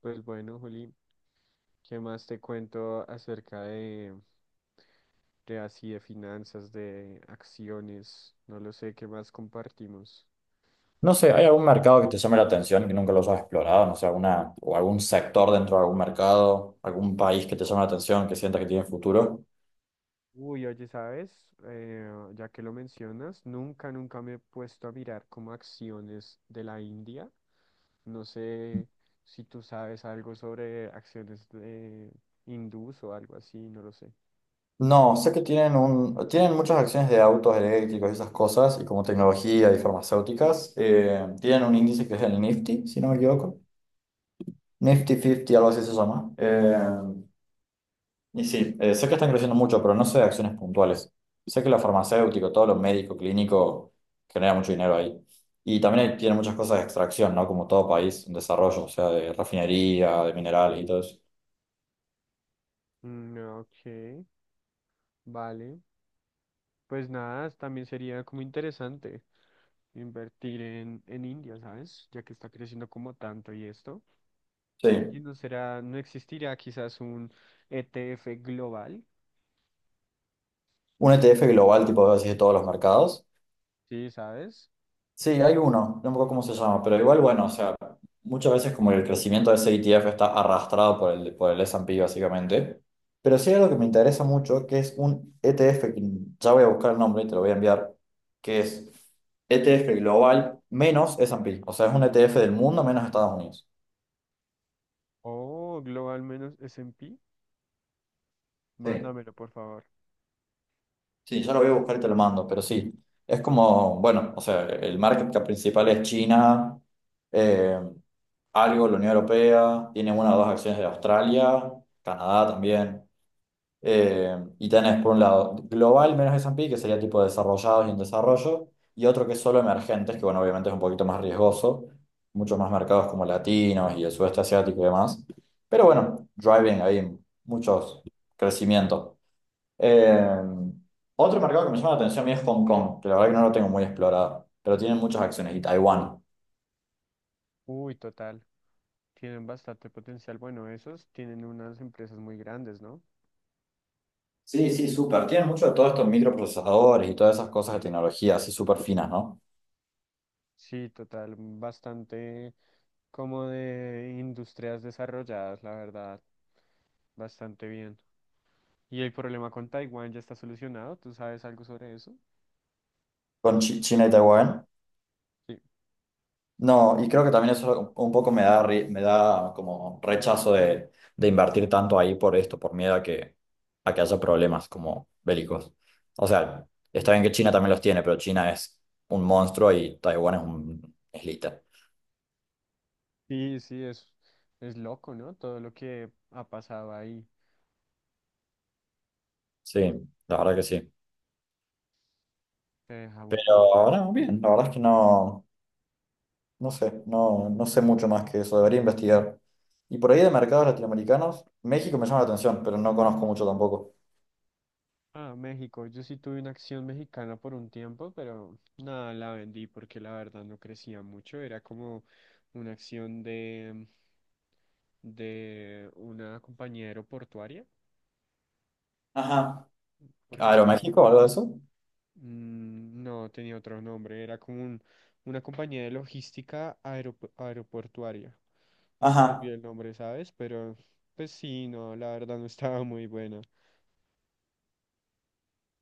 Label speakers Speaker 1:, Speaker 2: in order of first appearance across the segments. Speaker 1: Pues bueno, Juli, ¿qué más te cuento acerca de así de finanzas, de acciones? No lo sé, ¿qué más compartimos?
Speaker 2: No sé, ¿hay
Speaker 1: Ay,
Speaker 2: algún
Speaker 1: bueno.
Speaker 2: mercado que te llame la atención que nunca los has explorado? No sé, o algún sector dentro de algún mercado, algún país que te llame la atención, que sientas que tiene futuro.
Speaker 1: Uy, oye, ¿sabes? Ya que lo mencionas, nunca, nunca me he puesto a mirar como acciones de la India. No sé si tú sabes algo sobre acciones de hindús o algo así, no lo sé.
Speaker 2: No, sé que tienen muchas acciones de autos eléctricos y esas cosas, y como tecnología y farmacéuticas. Tienen un índice que es el Nifty, si no me equivoco. Nifty 50, algo así se llama. Y sí, sé que están creciendo mucho, pero no sé de acciones puntuales. Sé que lo farmacéutico, todo lo médico, clínico, genera mucho dinero ahí. Y también tiene muchas cosas de extracción, ¿no? Como todo país, en desarrollo, o sea, de refinería, de minerales y todo eso.
Speaker 1: Mm, ok, vale. Pues nada, también sería como interesante. Invertir en India, ¿sabes? Ya que está creciendo como tanto y esto.
Speaker 2: Sí.
Speaker 1: Allí no será, no existirá quizás un ETF global,
Speaker 2: Un ETF global, tipo, así de todos los mercados.
Speaker 1: ¿sí? ¿Sabes?
Speaker 2: Sí, hay uno, no me acuerdo cómo se llama, pero igual, bueno, o sea, muchas veces como el crecimiento de ese ETF está arrastrado por el S&P básicamente, pero sí hay algo que me interesa mucho, que es un ETF, que ya voy a buscar el nombre y te lo voy a enviar, que es ETF Global menos S&P, o sea, es un ETF del mundo menos Estados Unidos.
Speaker 1: O global menos S&P,
Speaker 2: Sí.
Speaker 1: mándamelo por favor.
Speaker 2: Sí, ya lo voy a buscar y te lo mando, pero sí, es como, bueno, o sea, el market cap principal es China, eh, algo la Unión Europea, tiene una o dos acciones de Australia, Canadá también, y tenés por un lado global menos S&P, que sería tipo desarrollados y en desarrollo, y otro que es solo emergentes, que bueno, obviamente es un poquito más riesgoso, muchos más mercados como latinos y el sudeste asiático y demás, pero bueno, driving ahí muchos crecimientos. Eh, Otro mercado que me llama la atención a mí es Hong Kong, que la verdad que no lo tengo muy explorado, pero tienen muchas acciones. Y Taiwán.
Speaker 1: Uy, total, tienen bastante potencial. Bueno, esos tienen unas empresas muy grandes, ¿no?
Speaker 2: Sí, sí, súper. Tienen mucho de todos estos microprocesadores y todas esas cosas de tecnología, así súper finas, ¿no?
Speaker 1: Sí, total, bastante como de industrias desarrolladas, la verdad, bastante bien. ¿Y el problema con Taiwán ya está solucionado? ¿Tú sabes algo sobre eso?
Speaker 2: Con China y Taiwán.
Speaker 1: Sí.
Speaker 2: No, y creo que también eso un poco me da como rechazo de invertir tanto ahí por esto, por miedo a que haya problemas como bélicos. O sea, está bien que China también los tiene, pero China es un monstruo y Taiwán es un islita.
Speaker 1: Sí, sí, es loco, ¿no? Todo lo que ha pasado ahí
Speaker 2: Sí, la verdad que sí.
Speaker 1: te deja un poco
Speaker 2: Pero
Speaker 1: pensando.
Speaker 2: no, bien, la verdad es que no sé, no sé mucho más que eso, debería investigar. Y por ahí de mercados latinoamericanos, México me llama la atención, pero no conozco mucho tampoco.
Speaker 1: Ah, México, yo sí tuve una acción mexicana por un tiempo, pero nada, la vendí porque la verdad no crecía mucho. Era como una acción de una compañía aeroportuaria,
Speaker 2: Ajá,
Speaker 1: porque está.
Speaker 2: ¿Aeroméxico o algo de eso?
Speaker 1: Mm, no, tenía otro nombre, era como una compañía de logística aeroportuaria. Se me
Speaker 2: Ajá.
Speaker 1: olvidó el nombre, ¿sabes? Pero pues sí, no, la verdad no estaba muy buena.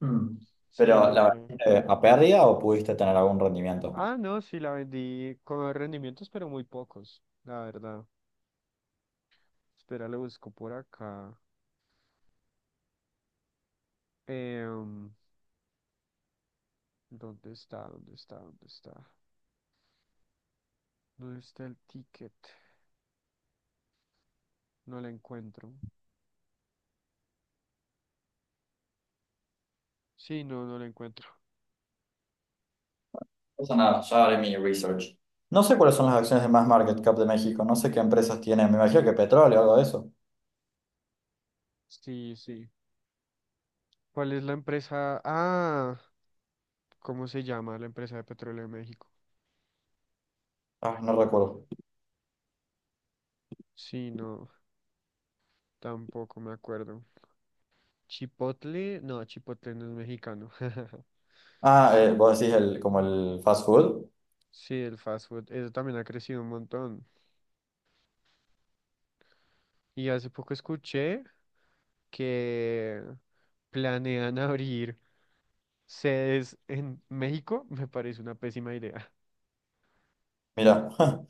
Speaker 2: Mm.
Speaker 1: Sí,
Speaker 2: Pero
Speaker 1: no
Speaker 2: la
Speaker 1: era.
Speaker 2: verdad, ¿a pérdida o pudiste tener algún rendimiento? No
Speaker 1: Ah, no, sí, la vendí con rendimientos, pero muy pocos, la verdad. Espera, lo busco por acá. Em, ¿Dónde está? ¿Dónde está? ¿Dónde está? ¿Dónde está el ticket? No la encuentro. Sí, no, no la encuentro.
Speaker 2: pasa nada, ya haré mi research. No sé cuáles son las acciones de más market cap de México, no sé qué empresas tienen, me imagino que petróleo o algo de eso.
Speaker 1: Sí, sí. ¿Cuál es la empresa? Ah, ¿cómo se llama la empresa de petróleo de México?
Speaker 2: Ah, no recuerdo.
Speaker 1: Sí, no, tampoco me acuerdo. Chipotle no es mexicano.
Speaker 2: Ah, vos decís el, como el fast food.
Speaker 1: Sí, el fast food, eso también ha crecido un montón. Y hace poco escuché que planean abrir sedes en México. Me parece una pésima idea.
Speaker 2: Mira.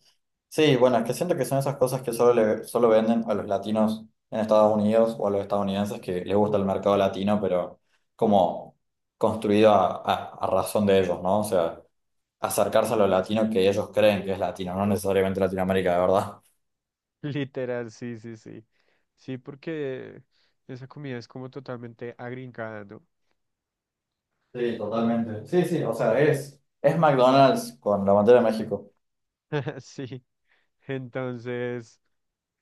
Speaker 2: Sí, bueno, es que siento que son esas cosas que solo venden a los latinos en Estados Unidos o a los estadounidenses que les gusta el mercado latino, pero como construido a razón de ellos, ¿no? O sea, acercarse a lo latino que ellos creen que es latino, no necesariamente Latinoamérica, de verdad.
Speaker 1: Literal, sí, sí, sí. Sí, porque esa comida es como totalmente agringada, ¿no?
Speaker 2: Sí, totalmente. Sí, sí, o sea, es McDonald's con la bandera de México.
Speaker 1: Sí. Entonces,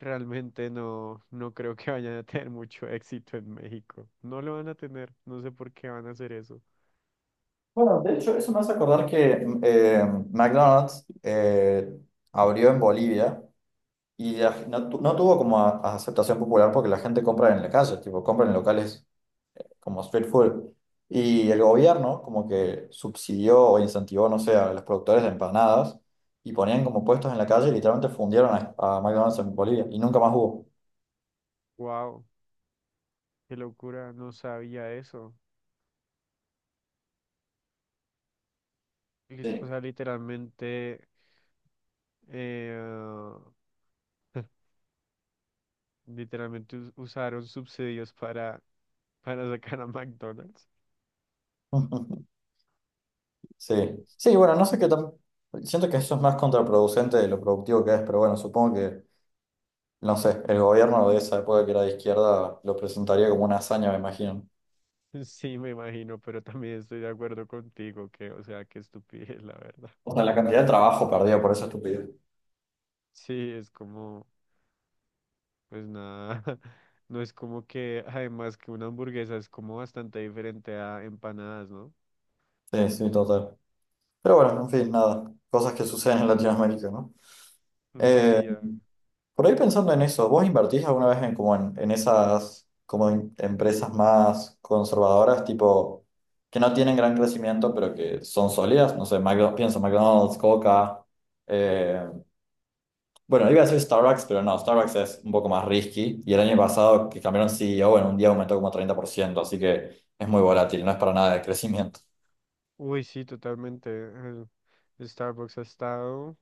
Speaker 1: realmente no, no creo que vayan a tener mucho éxito en México. No lo van a tener, no sé por qué van a hacer eso.
Speaker 2: Bueno, de hecho, eso me hace acordar que McDonald's abrió en Bolivia. Y no tuvo como a aceptación popular porque la gente compra en la calle, tipo, compra en locales como street food. Y el gobierno como que subsidió o incentivó, no sé, a los productores de empanadas y ponían como puestos en la calle y literalmente fundieron a McDonald's en Bolivia y nunca más hubo.
Speaker 1: Wow, qué locura, no sabía eso. O
Speaker 2: Sí.
Speaker 1: sea, literalmente, eh, literalmente usaron subsidios para sacar a McDonald's.
Speaker 2: Sí, sí, bueno, no sé qué tan... Siento que eso es más contraproducente de lo productivo que es, pero bueno, no sé, el gobierno de esa época que era de izquierda lo presentaría como una hazaña, me imagino.
Speaker 1: Sí, me imagino, pero también estoy de acuerdo contigo que, o sea, qué estupidez, la verdad.
Speaker 2: O sea, la cantidad de trabajo perdido por esa estupidez.
Speaker 1: Sí, es como. Pues nada, no es como que, además que una hamburguesa es como bastante diferente a empanadas, ¿no?
Speaker 2: Sí, sí, total. Pero bueno, en fin, nada. Cosas que suceden en Latinoamérica, ¿no? Eh,
Speaker 1: Sí, ah.
Speaker 2: por ahí pensando en eso, ¿vos invertís alguna vez en, en esas empresas más conservadoras, tipo, que no tienen gran crecimiento, pero que son sólidas? No sé, McDonald's, pienso McDonald's, Coca. eh, bueno, iba a decir Starbucks, pero no, Starbucks es un poco más risky. Y el año pasado que cambiaron CEO, en un día aumentó como 30%, así que es muy volátil, no es para nada de crecimiento.
Speaker 1: Uy, sí, totalmente. El Starbucks ha estado,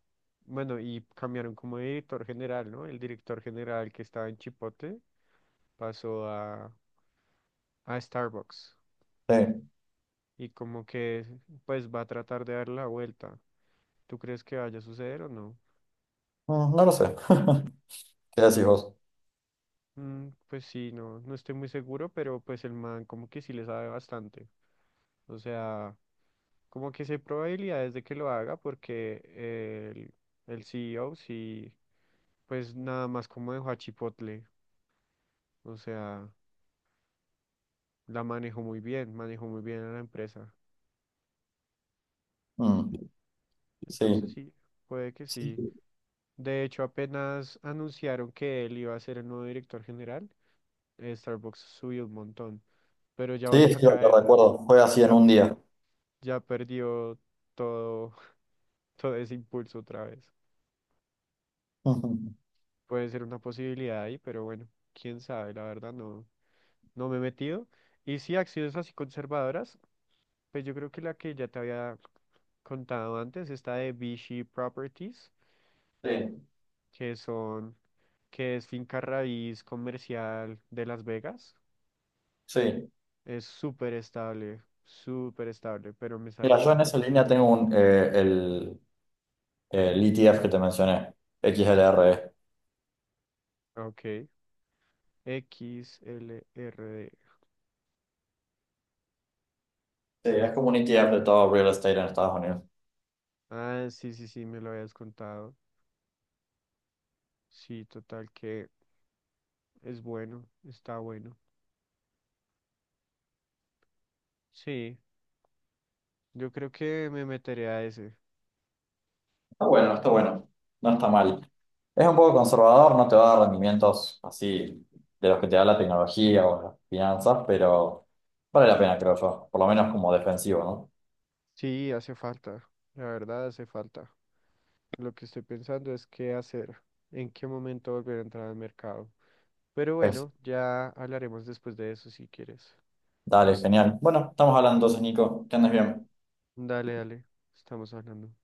Speaker 1: bueno, y cambiaron como de director general, ¿no? El director general que estaba en Chipotle pasó a Starbucks
Speaker 2: Sí.
Speaker 1: y como que pues va a tratar de dar la vuelta. ¿Tú crees que vaya a suceder o no?
Speaker 2: Mm, no lo sé. ¿Qué decís vos?
Speaker 1: Mm, pues sí, no, no estoy muy seguro, pero pues el man como que sí le sabe bastante. O sea, como que sí hay probabilidades de que lo haga porque el, el CEO sí, pues nada más como dejó a Chipotle. O sea, la manejó muy bien a la empresa.
Speaker 2: Mm.
Speaker 1: Entonces
Speaker 2: Sí.
Speaker 1: sí, puede que
Speaker 2: Sí.
Speaker 1: sí. De hecho, apenas anunciaron que él iba a ser el nuevo director general, Starbucks subió un montón, pero ya
Speaker 2: Sí,
Speaker 1: volvió a
Speaker 2: sí, lo
Speaker 1: caer.
Speaker 2: recuerdo. Fue así en
Speaker 1: Ya
Speaker 2: un día.
Speaker 1: ya perdió todo, todo ese impulso otra vez.
Speaker 2: Ujú.
Speaker 1: Puede ser una posibilidad ahí, pero bueno, quién sabe, la verdad no, no me he metido. Y sí, acciones así conservadoras, pues yo creo que la que ya te había contado antes, esta de Vichy Properties,
Speaker 2: Sí,
Speaker 1: que son, que es finca raíz comercial de Las Vegas.
Speaker 2: sí.
Speaker 1: Es súper estable, pero me
Speaker 2: Mira, yo en
Speaker 1: salí,
Speaker 2: esa línea tengo el ETF que te mencioné, XLRE.
Speaker 1: ok, X L R D.
Speaker 2: Sí, es como un ETF de todo real estate en Estados Unidos.
Speaker 1: Ah, sí, sí, sí, me lo habías contado. Sí, total, que es bueno, está bueno. Sí, yo creo que me meteré a ese.
Speaker 2: Está bueno, está bueno. No está mal. Es un poco conservador, no te va a dar rendimientos así de los que te da la tecnología o las finanzas, pero vale la pena, creo yo. Por lo menos como defensivo,
Speaker 1: Sí, hace falta, la verdad hace falta. Lo que estoy pensando es qué hacer, en qué momento volver a entrar al mercado. Pero
Speaker 2: ¿no?
Speaker 1: bueno, ya hablaremos después de eso si quieres.
Speaker 2: Dale, genial. Bueno, estamos hablando entonces, Nico. Que andes bien.
Speaker 1: Dale, dale, estamos hablando.